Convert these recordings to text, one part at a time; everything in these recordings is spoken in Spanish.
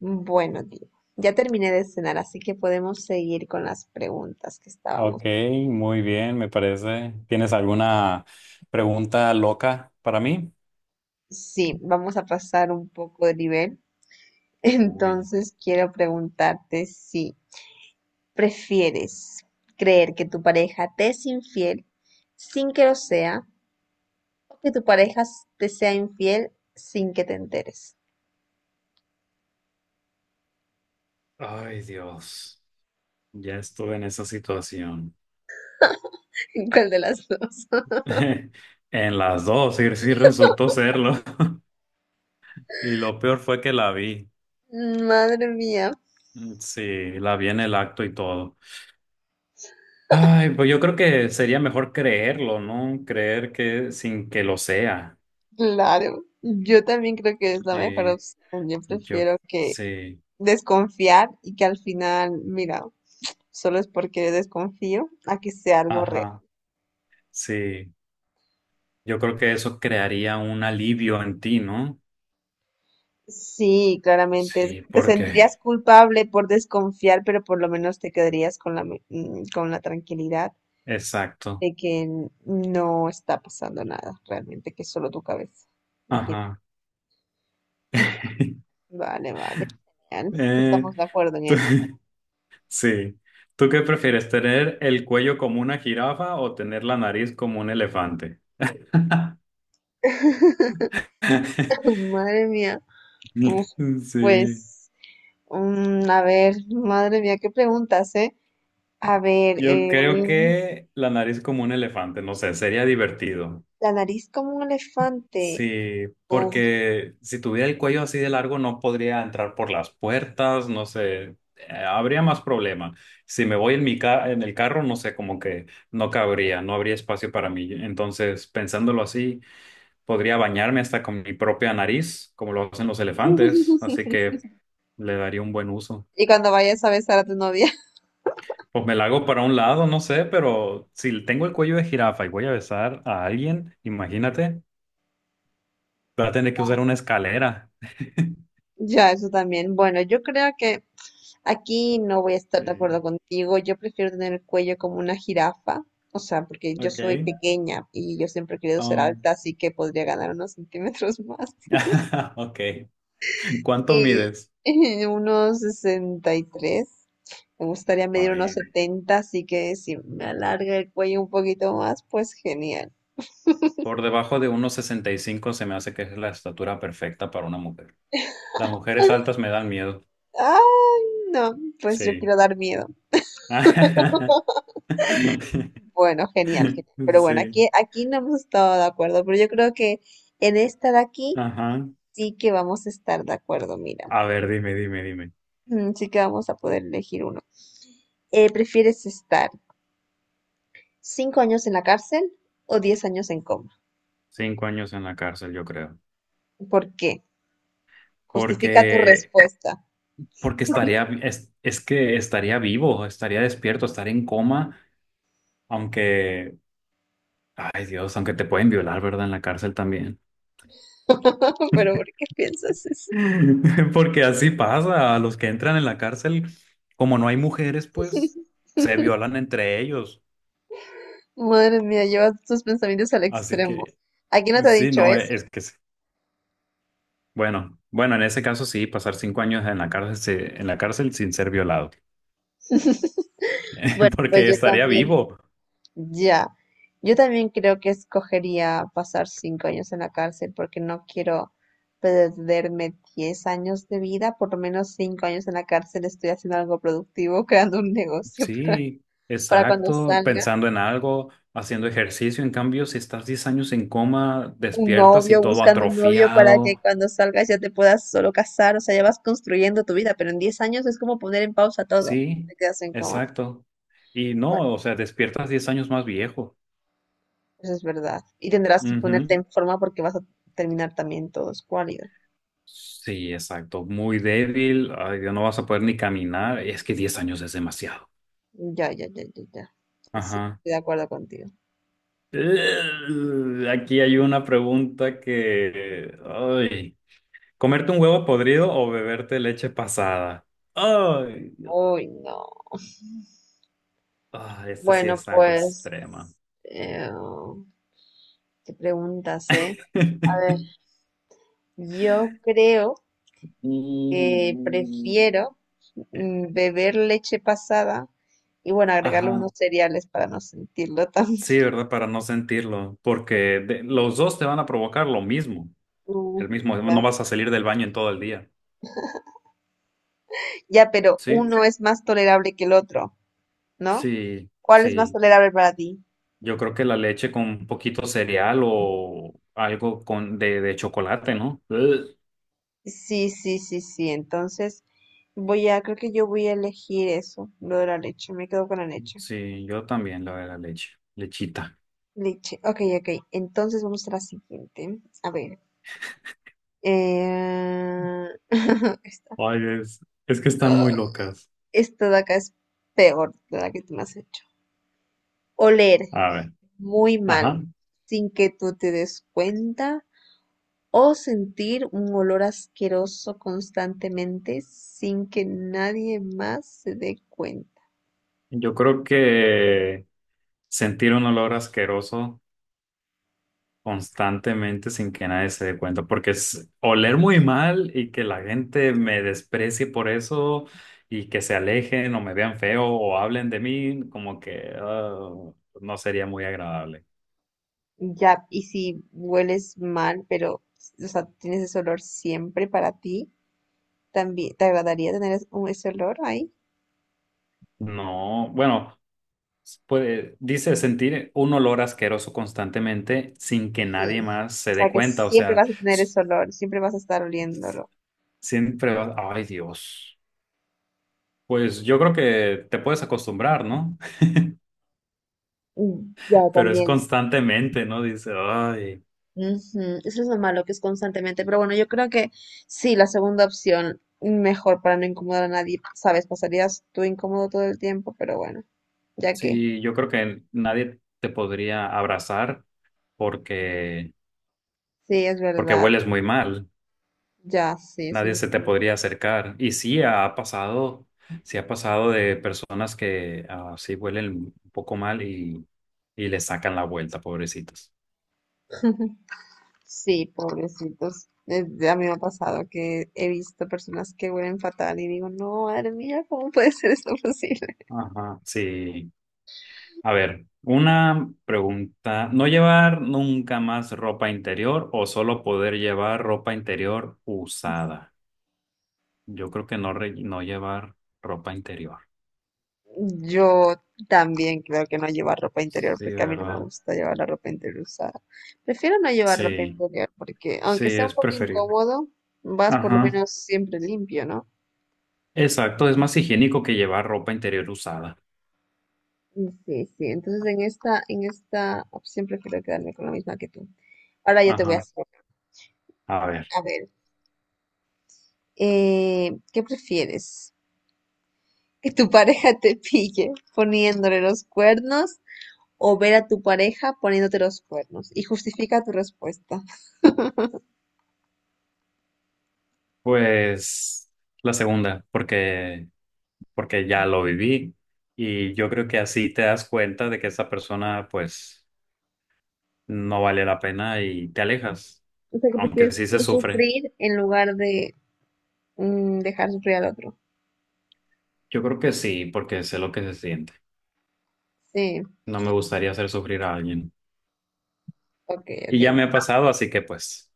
Bueno, Diego, ya terminé de cenar, así que podemos seguir con las preguntas que Ok, estábamos. muy bien, me parece. ¿Tienes alguna pregunta loca para mí? Sí, vamos a pasar un poco de nivel. Uy, Entonces, quiero preguntarte si prefieres creer que tu pareja te es infiel sin que lo sea o que tu pareja te sea infiel sin que te enteres. ay Dios, ya estuve en esa situación. ¿Cuál de las dos? En las dos, y sí resultó serlo. Y lo peor fue que la vi. Madre mía, Mm, sí, la vi en el acto y todo. Ay, pues yo creo que sería mejor creerlo, ¿no? Creer que sin que lo sea. claro. Yo también creo que es la mejor Sí, opción. Yo yo, prefiero que sí, desconfiar y que al final, mira, solo es porque desconfío a que sea algo real. ajá, sí. Yo creo que eso crearía un alivio en ti, ¿no? Sí, claramente. Sí, Te porque. sentirías culpable por desconfiar, pero por lo menos te quedarías con con la tranquilidad Exacto. de que no está pasando nada realmente, que es solo tu cabeza. No quiero- Ajá. Ujú. Vale, vale. Genial. Eh, Estamos de acuerdo en tú- esto. sí. ¿Tú qué prefieres, tener el cuello como una jirafa o tener la nariz como un elefante? Madre mía. Uf, Sí. Pues, a ver, madre mía, qué preguntas, ¿eh? A ver, Yo creo que la nariz como un elefante, no sé, sería divertido. la nariz como un elefante. Sí, Uf. porque si tuviera el cuello así de largo no podría entrar por las puertas, no sé, habría más problema. Si me voy en el carro, no sé, como que no cabría, no habría espacio para mí. Entonces, pensándolo así, podría bañarme hasta con mi propia nariz, como lo hacen los elefantes, así que le daría un buen uso. Y cuando vayas a besar a tu novia. Pues me la hago para un lado, no sé, pero si tengo el cuello de jirafa y voy a besar a alguien, imagínate, voy a tener que usar una escalera. Ya, eso también. Bueno, yo creo que aquí no voy a estar de acuerdo Sí. contigo. Yo prefiero tener el cuello como una jirafa. O sea, porque yo soy Okay. pequeña y yo siempre he querido ser Um, alta, así que podría ganar unos centímetros más. okay. ¿Cuánto Y mides? unos 63. Me gustaría medir unos Ay, 70, así que si me alarga el cuello un poquito más, pues genial. por debajo de 1,65 se me hace que es la estatura perfecta para una mujer. Las mujeres altas me dan miedo. Ah, no, pues yo Sí. quiero dar miedo. Bueno, genial, genial. Pero bueno, Sí. aquí no hemos estado de acuerdo, pero yo creo que en esta de aquí Ajá. sí que vamos a estar de acuerdo, mira. A ver, dime, dime, dime. Sí que vamos a poder elegir uno. ¿Prefieres estar 5 años en la cárcel o 10 años en coma? 5 años en la cárcel, yo creo. ¿Por qué? Justifica tu Porque, respuesta. porque estaría, es que estaría vivo, estaría despierto, estaría en coma, aunque, ay Dios, aunque te pueden violar, ¿verdad? En la cárcel también. Pero ¿por qué piensas eso? Porque así pasa, a los que entran en la cárcel, como no hay mujeres, pues se violan entre ellos. Madre mía, llevas tus pensamientos al Así extremo. que ¿A quién no te ha sí, dicho no, eso? es que sí. Bueno, bueno, en ese caso sí, pasar 5 años en la cárcel, en la cárcel sin ser violado, Pues porque yo estaría también. vivo. Ya, yo también creo que escogería pasar 5 años en la cárcel porque no quiero perderme 10 años de vida, por lo menos 5 años en la cárcel estoy haciendo algo productivo, creando un negocio Sí, para cuando exacto, salga, pensando en algo, haciendo ejercicio. En cambio, si estás 10 años en coma, un despiertas y novio, todo buscando un novio para que atrofiado. cuando salgas ya te puedas solo casar, o sea, ya vas construyendo tu vida, pero en 10 años es como poner en pausa todo, Sí, te quedas en coma. exacto. Y Bueno, no, o sea, despiertas 10 años más viejo. eso es verdad. Y tendrás que Ujú. ponerte en forma porque vas a terminar también todo escuálido. Sí, exacto. Muy débil. Ay, Dios, no vas a poder ni caminar. Es que 10 años es demasiado. Ya, ya, ya, ya, ya. Sí, Ajá. estoy de acuerdo contigo. Aquí hay una pregunta que... Ay. ¿Comerte un huevo podrido o beberte leche pasada? Ay, Dios. Uy, no. Ah, esto sí Bueno, es algo extrema. eh, qué preguntas, ¿eh? A ver, yo creo que Mm. prefiero beber leche pasada y bueno, agregarle Ajá. unos cereales para no sentirlo tan. Sí, ¿verdad? Para no sentirlo. Porque los dos te van a provocar lo mismo. Mm, El mismo. No Ya, vas a salir del baño en todo el día. Ya, pero Sí, uno es más tolerable que el otro, ¿no? sí, ¿Cuál es más sí. tolerable para ti? Yo creo que la leche con un poquito cereal o algo con de chocolate, ¿no? Ugh. Sí, sí, sí, sí. Entonces, creo que yo voy a elegir eso, lo de la leche. Me quedo con la leche. Sí, yo también la de la leche, lechita. Leche. Ok, ok. Entonces vamos a la siguiente. A ver. Eh... Esta, Ay, es que están muy locas. esta de acá es peor de la que tú me has hecho. Oler A ver, muy ajá. mal, sin que tú te des cuenta. O sentir un olor asqueroso constantemente sin que nadie más se dé cuenta. Yo creo que sentir un olor asqueroso constantemente sin que nadie se dé cuenta, porque es oler muy mal y que la gente me desprecie por eso y que se alejen o me vean feo o hablen de mí, como que ah, no sería muy agradable. Ya, y si hueles mal, pero, o sea, tienes ese olor siempre para ti, también te agradaría tener ese olor ahí. No, bueno, puede, dice sentir un olor asqueroso constantemente sin que Sí. nadie más O se dé sea, que cuenta, o siempre sea, vas a tener s- ese olor, siempre vas a estar oliéndolo. siempre vas, ay Dios. Pues yo creo que te puedes acostumbrar, ¿no? Ya, Pero es también. constantemente, ¿no? Dice, ay. Ujú, eso es lo malo, que es constantemente. Pero bueno, yo creo que sí, la segunda opción, mejor para no incomodar a nadie, sabes, pasarías tú incómodo todo el tiempo, pero bueno, ya que, Sí, yo creo que nadie te podría abrazar porque, sí, es porque verdad. hueles muy mal. Ya, sí, eso Nadie es se te verdad. podría acercar. Y sí ha pasado de personas que ah, sí huelen un poco mal y le sacan la vuelta, pobrecitos. Sí, pobrecitos. A mí me ha pasado que he visto personas que huelen fatal y digo, no, madre mía, ¿cómo puede ser esto posible? Ajá, sí. A ver, una pregunta. ¿No llevar nunca más ropa interior o solo poder llevar ropa interior usada? Yo creo que no, no llevar ropa interior. Yo también creo que no llevar ropa interior Sí, porque a mí no me ¿verdad? gusta llevar la ropa interior usada. Prefiero no llevar ropa Sí, interior porque sí, aunque sea un es poco preferible. incómodo, vas por lo Ajá, menos siempre limpio, ¿no? exacto, es más higiénico que llevar ropa interior usada. Sí, sí. Entonces en esta opción prefiero quedarme con la misma que tú. Ahora yo te voy a Ajá, hacer, a ver, a ver, ¿qué prefieres? Que tu pareja te pille poniéndole los cuernos o ver a tu pareja poniéndote los cuernos y justifica tu respuesta. pues la segunda, porque, porque ya lo viví y yo creo que así te das cuenta de que esa persona pues no vale la pena y te alejas, O sea, que aunque prefieres sí se tú sufre. sufrir en lugar de dejar sufrir al otro. Yo creo que sí, porque sé lo que se siente. Sí, No me gustaría hacer sufrir a alguien. ok, ok, Y ya me ha pasado, así que pues...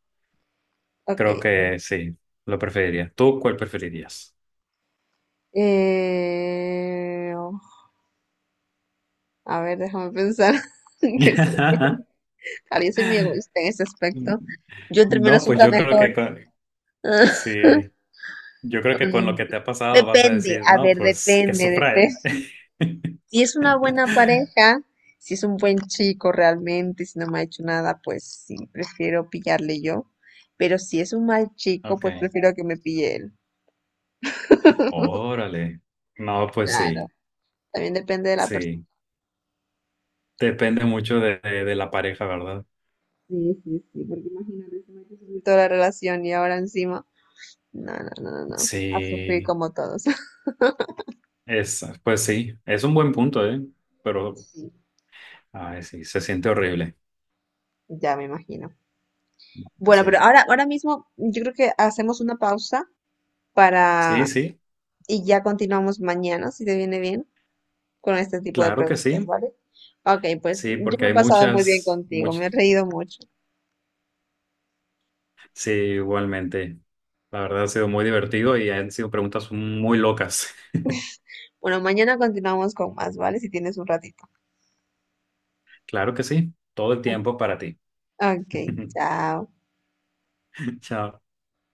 ok. Creo que sí, lo preferiría. ¿Tú cuál preferirías? Eh, oh, a ver, déjame pensar. ¿Qué es lo peor? Claro, yo soy muy egoísta en ese aspecto. Yo entre No, menos pues sufra yo creo que mejor. con, sí, yo creo que con lo Mm, que te ha pasado vas a Depende, decir, a no, ver, pues que depende, sufra depende. él. Si es una buena pareja, si es un buen chico realmente, si no me ha hecho nada, pues sí, prefiero pillarle yo. Pero si es un mal chico, Ok, pues prefiero que me pille él. órale. No, pues Claro, sí, también depende de la persona. sí. Depende mucho de, de la pareja, ¿verdad? Sí, sí, sí, porque imagínate si me ha sufrir toda la relación y ahora encima. No, no, no, no, no. A sufrir Sí, como todos. es, pues sí, es un buen punto, ¿eh? Pero, Sí, ay, sí, se siente horrible. ya me imagino. Bueno, pero Sí, ahora mismo yo creo que hacemos una pausa sí, para sí, y ya continuamos mañana, si te viene bien. Con este tipo de claro que preguntas, sí. ¿vale? Ok, pues Sí, yo porque me he hay pasado muy bien muchas, contigo, me he muchas. reído mucho. Sí, igualmente. La verdad ha sido muy divertido y han sido preguntas muy locas. Bueno, mañana continuamos con más, ¿vale? Si tienes un ratito. Claro que sí, todo el tiempo para ti. Ok, chao. Chao.